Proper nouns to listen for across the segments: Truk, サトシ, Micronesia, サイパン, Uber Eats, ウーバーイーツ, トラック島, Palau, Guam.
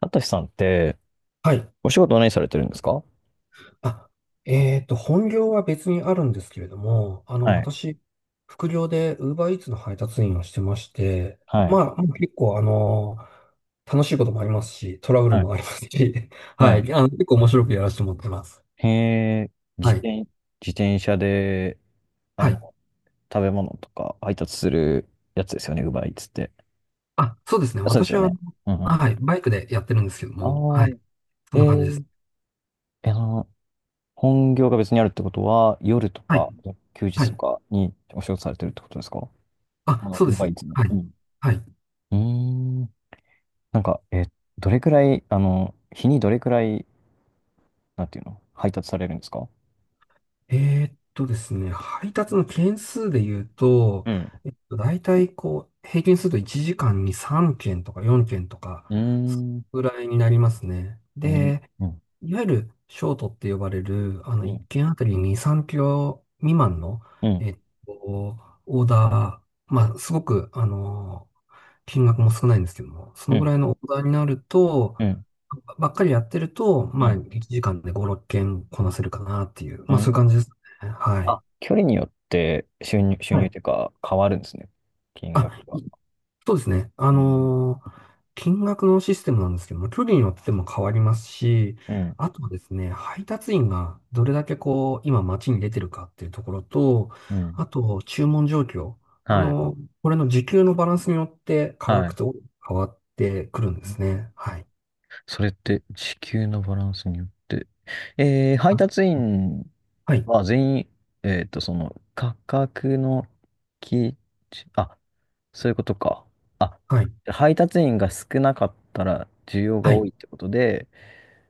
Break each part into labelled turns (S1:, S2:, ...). S1: あたしさんって、
S2: はい。
S1: お仕事は何されてるんですか？は
S2: あ、本業は別にあるんですけれども、
S1: い、
S2: 私、副業で Uber Eats の配達員をしてまして、
S1: はい、
S2: まあ、もう結構、楽しいこともありますし、トラブル
S1: はい、
S2: もありますし、
S1: は
S2: は
S1: い。
S2: い。結構面白くやらせてもらってます。
S1: へえ、
S2: はい。
S1: 自転車で、あ
S2: はい。
S1: の、食べ物とか配達するやつですよね、ウーバーイーツって。
S2: あ、そうですね。
S1: そうです
S2: 私
S1: よ
S2: は、
S1: ね。うんうん。
S2: はい。バイクでやってるんですけど
S1: ああ、
S2: も、はい。そ
S1: え
S2: んな感じです。
S1: ーえ、本業が別にあるってことは、夜と
S2: はい。
S1: か、休日
S2: は
S1: と
S2: い。
S1: かにお仕事されてるってことですか？あ
S2: あ、
S1: の、
S2: そう
S1: ウー
S2: で
S1: バ
S2: す。
S1: ーイーツの。
S2: はい。
S1: うん。
S2: はい。
S1: うーん。なんか、え、どれくらい、あの、日にどれくらい、なんていうの、配達されるんですか？
S2: ですね、配達の件数で言うと、
S1: うん。
S2: 大体こう、平均すると1時間に3件とか4件とか、
S1: うー
S2: そ
S1: ん。に、
S2: のぐらいになりますね。で、
S1: うん、
S2: いわゆるショートって呼ばれる、
S1: う
S2: 1
S1: ん、
S2: 件あたり2、3キロ未満の、
S1: うん、
S2: えっと、オーダー、まあ、すごく、金額も少ないんですけども、そ
S1: う
S2: のぐ
S1: ん、
S2: らいのオーダーになると、
S1: うん、
S2: ばっかりやってると、
S1: う
S2: まあ、
S1: ん。
S2: 1時間で5、6件こなせるかなっていう、
S1: う
S2: まあ、そういう
S1: ん、
S2: 感じですね。はい。
S1: あ、距離によって収入、収
S2: は
S1: 入
S2: い。
S1: というか変わるんですね。金
S2: あ、
S1: 額が。
S2: そうですね。
S1: うん、
S2: 金額のシステムなんですけども、距離によっても変わりますし、
S1: うん、
S2: あとはですね、配達員がどれだけこう、今街に出てるかっていうところと、
S1: うん、
S2: あと、注文状況。
S1: はい、
S2: これの時給のバランスによって価
S1: は
S2: 格
S1: い。
S2: と変わってくるんですね。はい。
S1: それって時給のバランスによって。えー、配達員
S2: はい、
S1: は全員、えっと、その価格の基あ、そういうことか。あ、
S2: はい、
S1: 配達員が少なかったら需要が
S2: は
S1: 多
S2: い、
S1: いってことで、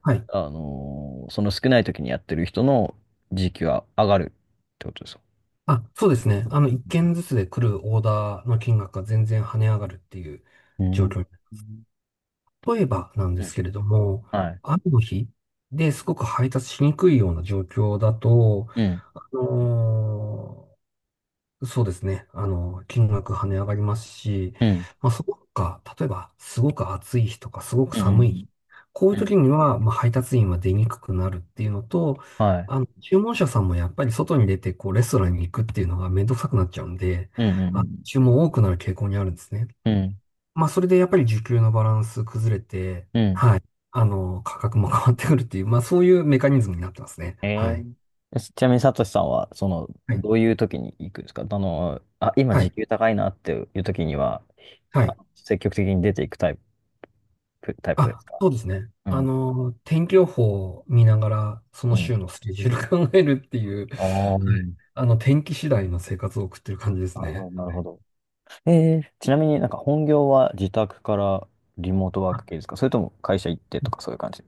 S2: はい。
S1: あのーその少ない時にやってる人の時給は上がるってことですか？
S2: あ、そうですね。一件ずつで来るオーダーの金額が全然跳ね上がるっていう
S1: う
S2: 状
S1: ん
S2: 況に。例えばなんで
S1: う
S2: す
S1: ん。
S2: けれども、
S1: はい。
S2: 雨の日ですごく配達しにくいような状況だと、
S1: うん。
S2: あのーそうですね。金額跳ね上がりますし、
S1: うん。
S2: まあ、そこか、例えば、すごく暑い日とか、すごく
S1: うん。う
S2: 寒い
S1: ん
S2: 日。こういう
S1: うん
S2: 時には、まあ、配達員は出にくくなるっていうのと、
S1: はい。
S2: 注文者さんもやっぱり外に出て、こう、レストランに行くっていうのがめんどくさくなっちゃうんで、
S1: うん。う
S2: あ、
S1: ん。
S2: 注文多くなる傾向にあるんですね。
S1: うん。うん。
S2: まあ、それでやっぱり需給のバランス崩れて、
S1: うん、
S2: はい。価格も変わってくるっていう、まあ、そういうメカニズムになってますね。
S1: え
S2: はい。
S1: ー、ちなみにサトシさんは、その、
S2: は
S1: どう
S2: い。
S1: いう時に行くんですか？あの、あ、今
S2: は
S1: 時
S2: い。
S1: 給高いなっていう時には、
S2: は
S1: あ
S2: い。
S1: 積極的に出ていくタイプで
S2: あ、
S1: すか？
S2: そうですね。
S1: うん。
S2: 天気予報を見ながら、そ
S1: う
S2: の週
S1: ん。
S2: のスケジュール 考えるっていう、は
S1: ああ、
S2: い。
S1: な
S2: 天気次第の生活を送ってる感じです
S1: る
S2: ね。
S1: ほど、なる
S2: は
S1: ほ
S2: い。
S1: ど。えー、ちなみになんか本業は自宅からリモートワー
S2: あ、
S1: ク系ですか？それとも会社行ってとかそういう感じ？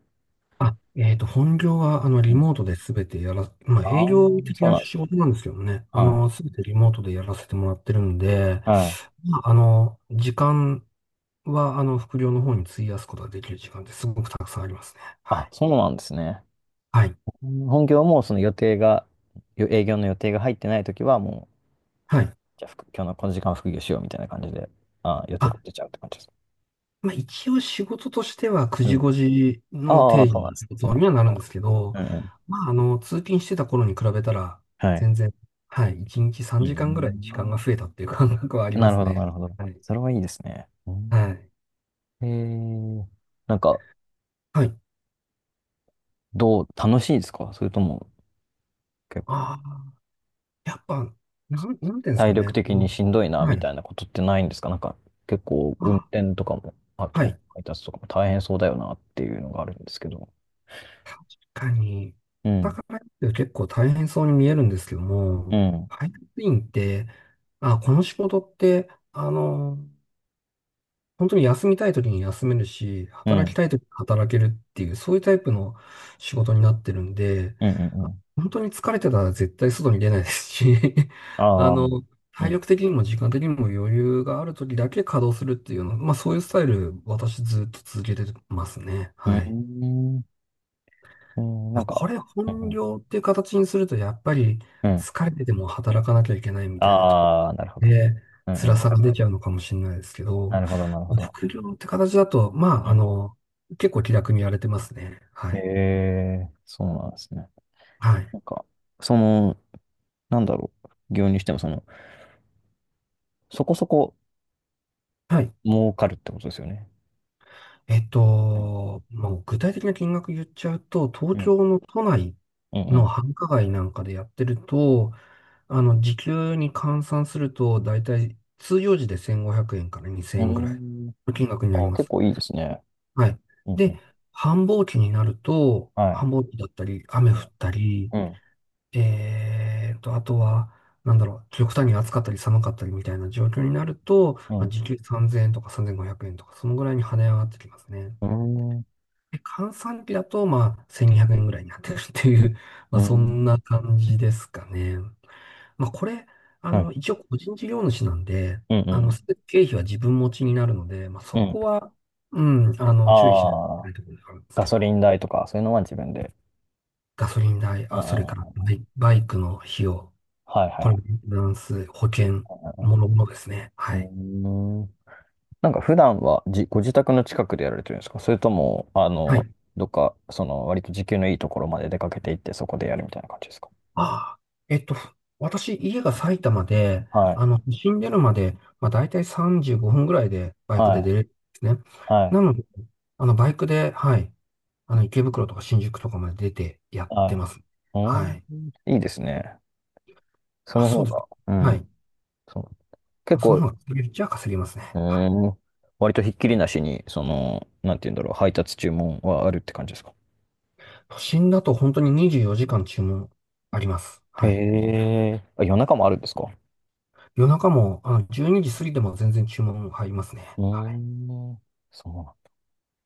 S2: 本業は、
S1: う
S2: リ
S1: ん。
S2: モートで全てやら、まあ、
S1: ああ、
S2: 営業的
S1: そう
S2: な
S1: なんで
S2: 仕
S1: すね。
S2: 事なんですけどね、
S1: はい。
S2: 全てリモートでやらせてもらってるんで、
S1: はい。
S2: まあ、時間は、副業の方に費やすことができる時間ってすごくたくさんありますね。は
S1: あ、
S2: い。
S1: そうなんですね。
S2: はい。
S1: うん、本業もその予定が、営業の予定が入ってないときはもう、
S2: はい。
S1: じゃあ今日のこの時間は副業しようみたいな感じで、あー、予定
S2: あ、
S1: 立てちゃうって感じですか。
S2: まあ、一応仕事としては9
S1: う
S2: 時
S1: ん。
S2: 5時の
S1: ああ、
S2: 定時
S1: そうな
S2: の
S1: んで
S2: 仕
S1: す。そう
S2: 事
S1: なん
S2: に
S1: です。
S2: はなるんですけど、
S1: うんうん。
S2: まあ、通勤してた頃に比べたら、
S1: はい。
S2: 全然、はい、1日
S1: う
S2: 3時間ぐらい時間が
S1: ん。
S2: 増えたっていう感覚はありま
S1: なる
S2: す
S1: ほど、な
S2: ね。
S1: るほど。
S2: はい。
S1: それはいいですね。うん、
S2: はい。
S1: えー、なんか、
S2: はい。
S1: どう、楽しいですか？それとも、
S2: ああ、やっぱ、なんていうんですか
S1: 体力
S2: ね。
S1: 的にしんどいな、
S2: は
S1: み
S2: い。
S1: たいなことってないんですか？なんか、結構、運
S2: あ
S1: 転とかも、あ
S2: は
S1: と、
S2: い。
S1: 配達とかも大変そうだよな、っていうのがあるんですけど。
S2: 確かに、
S1: う
S2: だ
S1: ん、
S2: からって結構大変そうに見えるんですけど
S1: う
S2: も、
S1: ん、
S2: 配達員って、あ、この仕事って、本当に休みたい時に休めるし、
S1: うん、う
S2: 働き
S1: ん、
S2: たい時に働けるっていう、そういうタイプの仕事になってるんで、
S1: うん、う
S2: あ、
S1: ん。
S2: 本当に疲れてたら絶対外に出ないですし、
S1: あ
S2: あ
S1: あ、う
S2: の、
S1: ん、う
S2: 体
S1: ん、
S2: 力的にも時間的にも余裕がある時だけ稼働するっていうの、まあそういうスタイル、私ずっと続けてますね。
S1: う
S2: はい。
S1: ん、うん、な
S2: ま
S1: ん
S2: あ、
S1: か、
S2: これ
S1: う
S2: 本
S1: ん
S2: 業っていう形にすると、やっぱり
S1: うん、うん。
S2: 疲れてても働かなきゃいけないみたいなとこ
S1: ああ、なるほ
S2: ろ
S1: ど。
S2: で、
S1: うん、う
S2: 辛さ
S1: ん。
S2: が出ちゃうのかもしれないですけ
S1: な
S2: ど、
S1: るほど、なるほど。
S2: 副業って形だと、ま
S1: う
S2: あ、
S1: ん、
S2: 結構気楽にやれてますね。は
S1: へ
S2: い。
S1: え、そうなんですね。
S2: はい。
S1: なんか、その、なんだろう、副業にしても、その、そこそこ
S2: はい。
S1: 儲かるってことですよね。うん、
S2: もう具体的な金額言っちゃうと、東
S1: うん、
S2: 京の都内
S1: う
S2: の
S1: ん、
S2: 繁華街なんかでやってると、時給に換算すると、だいたい通用時で1500円から2000
S1: う
S2: 円ぐ
S1: ん。
S2: らい
S1: うーん、
S2: の金額になり
S1: あ、
S2: ま
S1: 結
S2: す。
S1: 構いいですね。
S2: はい。
S1: うんう
S2: で、
S1: ん。
S2: 繁忙期になると、
S1: はい。
S2: 繁忙期だったり、雨降った
S1: う
S2: り、
S1: ん。
S2: あとは、なんだろう、極端に暑かったり寒かったりみたいな状況になると、
S1: う
S2: まあ、
S1: ん。
S2: 時給3000円とか3500円とか、そのぐらいに跳ね上がってきますね。
S1: うん。
S2: で、換算期だと、まあ、1200円ぐらいになってるっていう、ま
S1: う
S2: あ、そ
S1: ん。
S2: んな感じですかね。まあ、これ、
S1: はい。
S2: 一応個人事業主なんで、
S1: うん。うん。
S2: 全て経費は自分持ちになるので、まあ、そ
S1: うん。
S2: こは、うん、注意しないといけ
S1: あ
S2: な
S1: あ、
S2: いところであるんです
S1: ガ
S2: けど、
S1: ソリン代とか、そういうのは自分で。
S2: ガソリン代、
S1: うんう
S2: あ、それから
S1: ん。うん、
S2: バイクの費用、
S1: はいは
S2: これ、メ
S1: い
S2: ンテナンス、保険、
S1: はい。
S2: もろもろですね。は
S1: う
S2: い。
S1: んうん。なんか普段はご自宅の近くでやられてるんですか？それとも、あ
S2: は
S1: の、
S2: い。
S1: どっか、その、割と時給のいいところまで出かけていって、そこでやるみたいな感じですか？
S2: ああ、えっと、私、家が埼玉で、
S1: はい。
S2: 都心出るまで、まあ、大体35分ぐらいでバイク
S1: は
S2: で
S1: い。
S2: 出れるんですね。
S1: は
S2: な
S1: い。
S2: ので、バイクで、はい。池袋とか新宿とかまで出てやっ
S1: は
S2: て
S1: い。
S2: ます。
S1: う
S2: は
S1: ん。
S2: い。
S1: いいですね。そ
S2: まあ、
S1: の
S2: そ
S1: 方
S2: うです。
S1: が。う
S2: はい。
S1: ん。そう。結
S2: その
S1: 構、
S2: 方が稼げるっちゃ稼げます
S1: う
S2: ね。はい。
S1: ーん。割とひっきりなしに、その、なんて言うんだろう、配達注文はあるって感じですか？
S2: 都心だと本当に24時間注文あります。
S1: へ
S2: はい。
S1: え。あ、夜中もあるんですか？
S2: 夜中も、12時過ぎても全然注文入りますね。
S1: う
S2: は
S1: ー
S2: い。
S1: ん。そう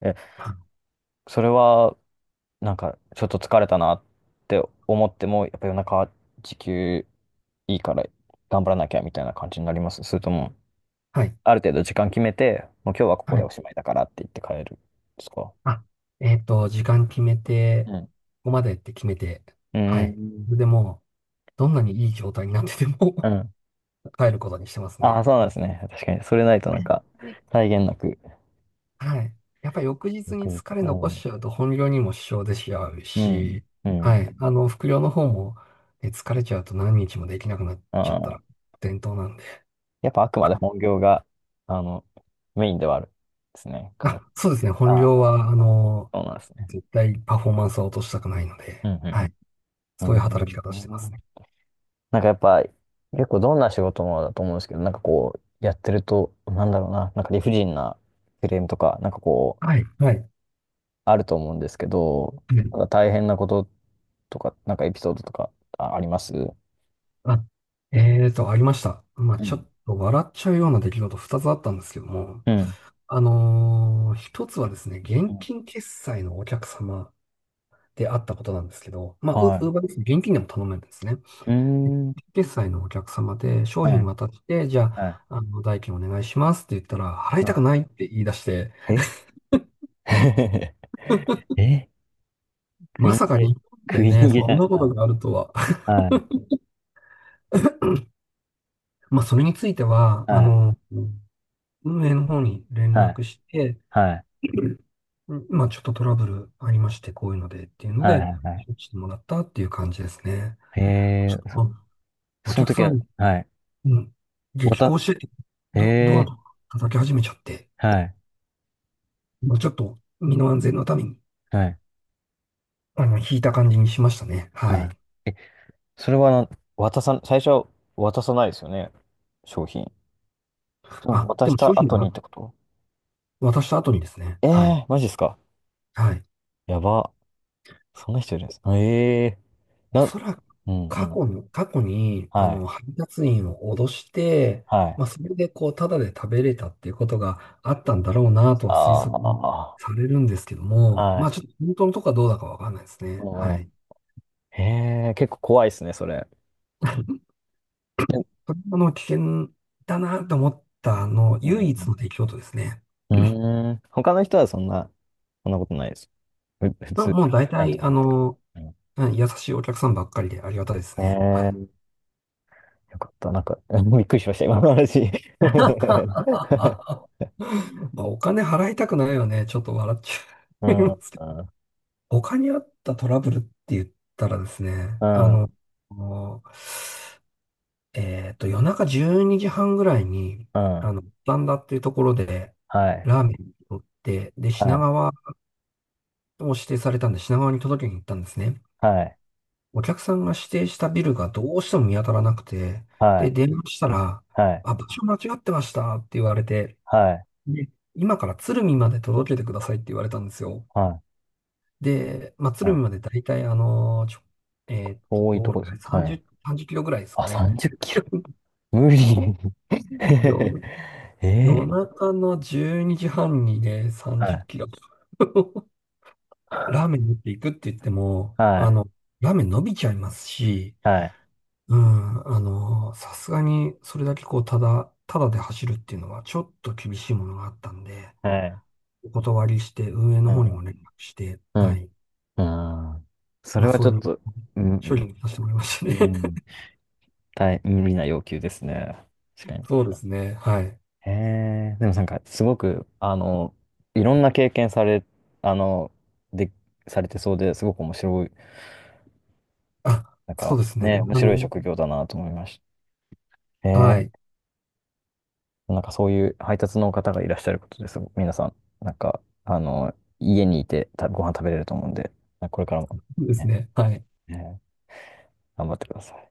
S1: なん。え、
S2: あ、
S1: それは、なんか、ちょっと疲れたなって思っても、やっぱ夜中、時給いいから頑張らなきゃみたいな感じになります？それとも、
S2: はい。
S1: ある程度時間決めて、もう今日はここ
S2: は
S1: で
S2: い。
S1: おしまいだからって言って帰るんですか？
S2: あ、時間決めて、
S1: うん。
S2: ここまでって決めて、
S1: う
S2: は
S1: ー
S2: い。そ
S1: ん。
S2: れでもう、どんなにいい状態になってて
S1: う
S2: も
S1: ん。
S2: 帰ることにしてます
S1: ああ、
S2: ね。
S1: そうなん
S2: は
S1: ですね。確かに。それないとなんか、
S2: い。
S1: 際限なく
S2: はい。やっぱり翌日に
S1: 翌日。
S2: 疲れ
S1: う
S2: 残し
S1: ん。
S2: ちゃうと本業にも支障出しちゃう
S1: うん。
S2: し、
S1: う
S2: は
S1: ん。
S2: い。副業の方も、ね、疲れちゃうと何日もできなくなっちゃった
S1: あ
S2: ら、
S1: あ。
S2: 伝統なんで。
S1: やっぱあくまで 本業が、あの、メインではあるですね。考え、
S2: あ、そうですね。本
S1: ああ、
S2: 業は、
S1: そうなんですね。
S2: 絶対パフォーマンスは落としたくないの
S1: う
S2: で、
S1: ん。う
S2: はい。
S1: ん。う
S2: そ
S1: ん
S2: うい
S1: う
S2: う働き方してま
S1: ん、
S2: すね。
S1: なんかやっぱ、結構どんな仕事もだと思うんですけど、なんかこう、やってると、なんだろうな、なんか理不尽なクレームとか、なんかこう、
S2: はい。はい。
S1: あると思うんですけど、
S2: う
S1: な
S2: ん。
S1: んか大変なこととか、なんかエピソードとか、あ、あります？う
S2: あ、ありました。まあ、ちょ
S1: ん。
S2: っと笑っちゃうような出来事2つあったんですけども、
S1: うん。
S2: 一つはですね、現
S1: うん、
S2: 金決済のお客様であったことなんですけど、まあ、ウ
S1: は
S2: ーバーです。現金でも頼めるんですね。
S1: い。うー
S2: で、
S1: ん。
S2: 決済のお客様で商
S1: は
S2: 品
S1: い。
S2: 渡して、じゃ
S1: はい。
S2: あ、代金お願いしますって言ったら、払い
S1: は
S2: たく
S1: い。
S2: ないって言い出して、
S1: え え、食
S2: ま
S1: い
S2: さ
S1: 逃
S2: か
S1: げ、
S2: 日本
S1: 食
S2: で
S1: い
S2: ね、
S1: 逃げ
S2: そ
S1: じゃない
S2: ん
S1: です
S2: な
S1: か。
S2: ことがあるとは。
S1: はい、
S2: まあ、それについては、
S1: はい、
S2: 運営の方に連
S1: はい、
S2: 絡して、
S1: はい、
S2: うん、まあ、ちょっとトラブルありまして、こういうのでっていうの
S1: は
S2: で、
S1: い、はい。は
S2: してもらったっていう感じですね。
S1: い、
S2: ち
S1: え
S2: ょ
S1: ー、
S2: っと、お
S1: その
S2: 客
S1: 時
S2: さ
S1: は、
S2: ん、
S1: はい。
S2: うん、激高
S1: 渡、
S2: してて、
S1: へ
S2: ドア
S1: え
S2: とか叩き始めちゃって、
S1: ー、はい、
S2: まあ、ちょっと身の安全のために、
S1: はい、
S2: 引いた感じにしましたね。はい。
S1: はい。それはな、最初は渡さないですよね。商品。その
S2: あ、
S1: 渡
S2: で
S1: し
S2: も商
S1: た
S2: 品
S1: 後に
S2: は
S1: ってこと？
S2: 渡した後にですね。
S1: え
S2: はい。
S1: え、マジですか。
S2: はい。
S1: やば。そんな人いるんですか。え
S2: お
S1: なん、
S2: そらく
S1: うん、う
S2: 過
S1: ん。
S2: 去に、過去に、
S1: はい、
S2: 配達員を脅して、
S1: はい。
S2: まあ、それでこう、ただで食べれたっていうことがあったんだろうなとは推
S1: あ
S2: 測
S1: あ、
S2: されるんですけども、
S1: は
S2: まあ、
S1: い、
S2: ちょっと本当のとこはどうだかわかんないですね。
S1: う
S2: はい。
S1: ん。へえ、結構怖いですね、それ。うん
S2: それが危険だなと思った
S1: う
S2: 唯一の
S1: ん
S2: 出来事ですね。
S1: うんうーん。他の人はそんな、そんなことないです。普
S2: まあ、
S1: 通、ち
S2: もう大
S1: ゃんと
S2: 体、
S1: 払ってくる。う
S2: うん、優しいお客さんばっかりでありがたいです
S1: ん、
S2: ね。はい。
S1: ええ、よかった。なんか、びっくりしました、今の話。
S2: まあ、お金払いたくないよね。ちょっと笑っち
S1: う
S2: ゃい
S1: ん、
S2: ま
S1: うん、
S2: すけど。他にあったトラブルって言ったらですね、
S1: うん、
S2: もう夜中12時半ぐらいに、
S1: うん。
S2: バンダっていうところで、
S1: はい、
S2: ラーメンを取って、で、
S1: は
S2: 品
S1: い、
S2: 川を指定されたんで、品川に届けに行ったんですね。
S1: はい、
S2: お客さんが指定したビルがどうしても見当たらなくて、
S1: は
S2: で、
S1: い、
S2: 電話したら、
S1: はい、
S2: あ、場所間違ってましたって言われて、
S1: はい、
S2: で、今から鶴見まで届けてくださいって言われたんですよ。
S1: はい、
S2: で、まあ、
S1: は
S2: 鶴見
S1: い。
S2: までだいたいあのーちょ、えーっと、
S1: 遠い
S2: ど
S1: と
S2: うだ
S1: こで
S2: ろ
S1: す
S2: う
S1: ね。
S2: ね、
S1: はい。
S2: 30キロぐらいですか
S1: あ、
S2: ね。
S1: 30キロ。無理。
S2: うん。夜
S1: ええ、
S2: 中の12時半にじはんにね、
S1: は
S2: 30キ
S1: い、
S2: ロ。ラーメン持っていくって言っても、
S1: はい、
S2: ラーメン伸びちゃいますし、
S1: はい、
S2: うん、さすがにそれだけこう、ただで走るっていうのはちょっと厳しいものがあったんで、
S1: はい。
S2: お断りして運営の
S1: う
S2: 方にも連
S1: ん、
S2: 絡して、
S1: うん。
S2: はい。
S1: ああ、そ
S2: ま
S1: れ
S2: あ
S1: は
S2: そ
S1: ちょ
S2: う
S1: っ
S2: いう
S1: と、うん、う
S2: 処理
S1: ん、
S2: にさせてもらいましたね。
S1: 大、無理な要求ですね。確か に。
S2: そうですね。はい。
S1: へえ、でもなんか、すごく、あの、いろんな経験され、あの、で、されてそうですごく面白い、
S2: あ、
S1: なん
S2: そ
S1: か、
S2: うですね。
S1: ね、面白い職業だなと思いました。へ
S2: は
S1: え、
S2: い。
S1: なんかそういう配達の方がいらっしゃることです。皆さん、なんか、あの、家にいてたご飯食べれると思うんで、これからも
S2: そうです
S1: ね、
S2: ね。はい。
S1: ね頑張ってください。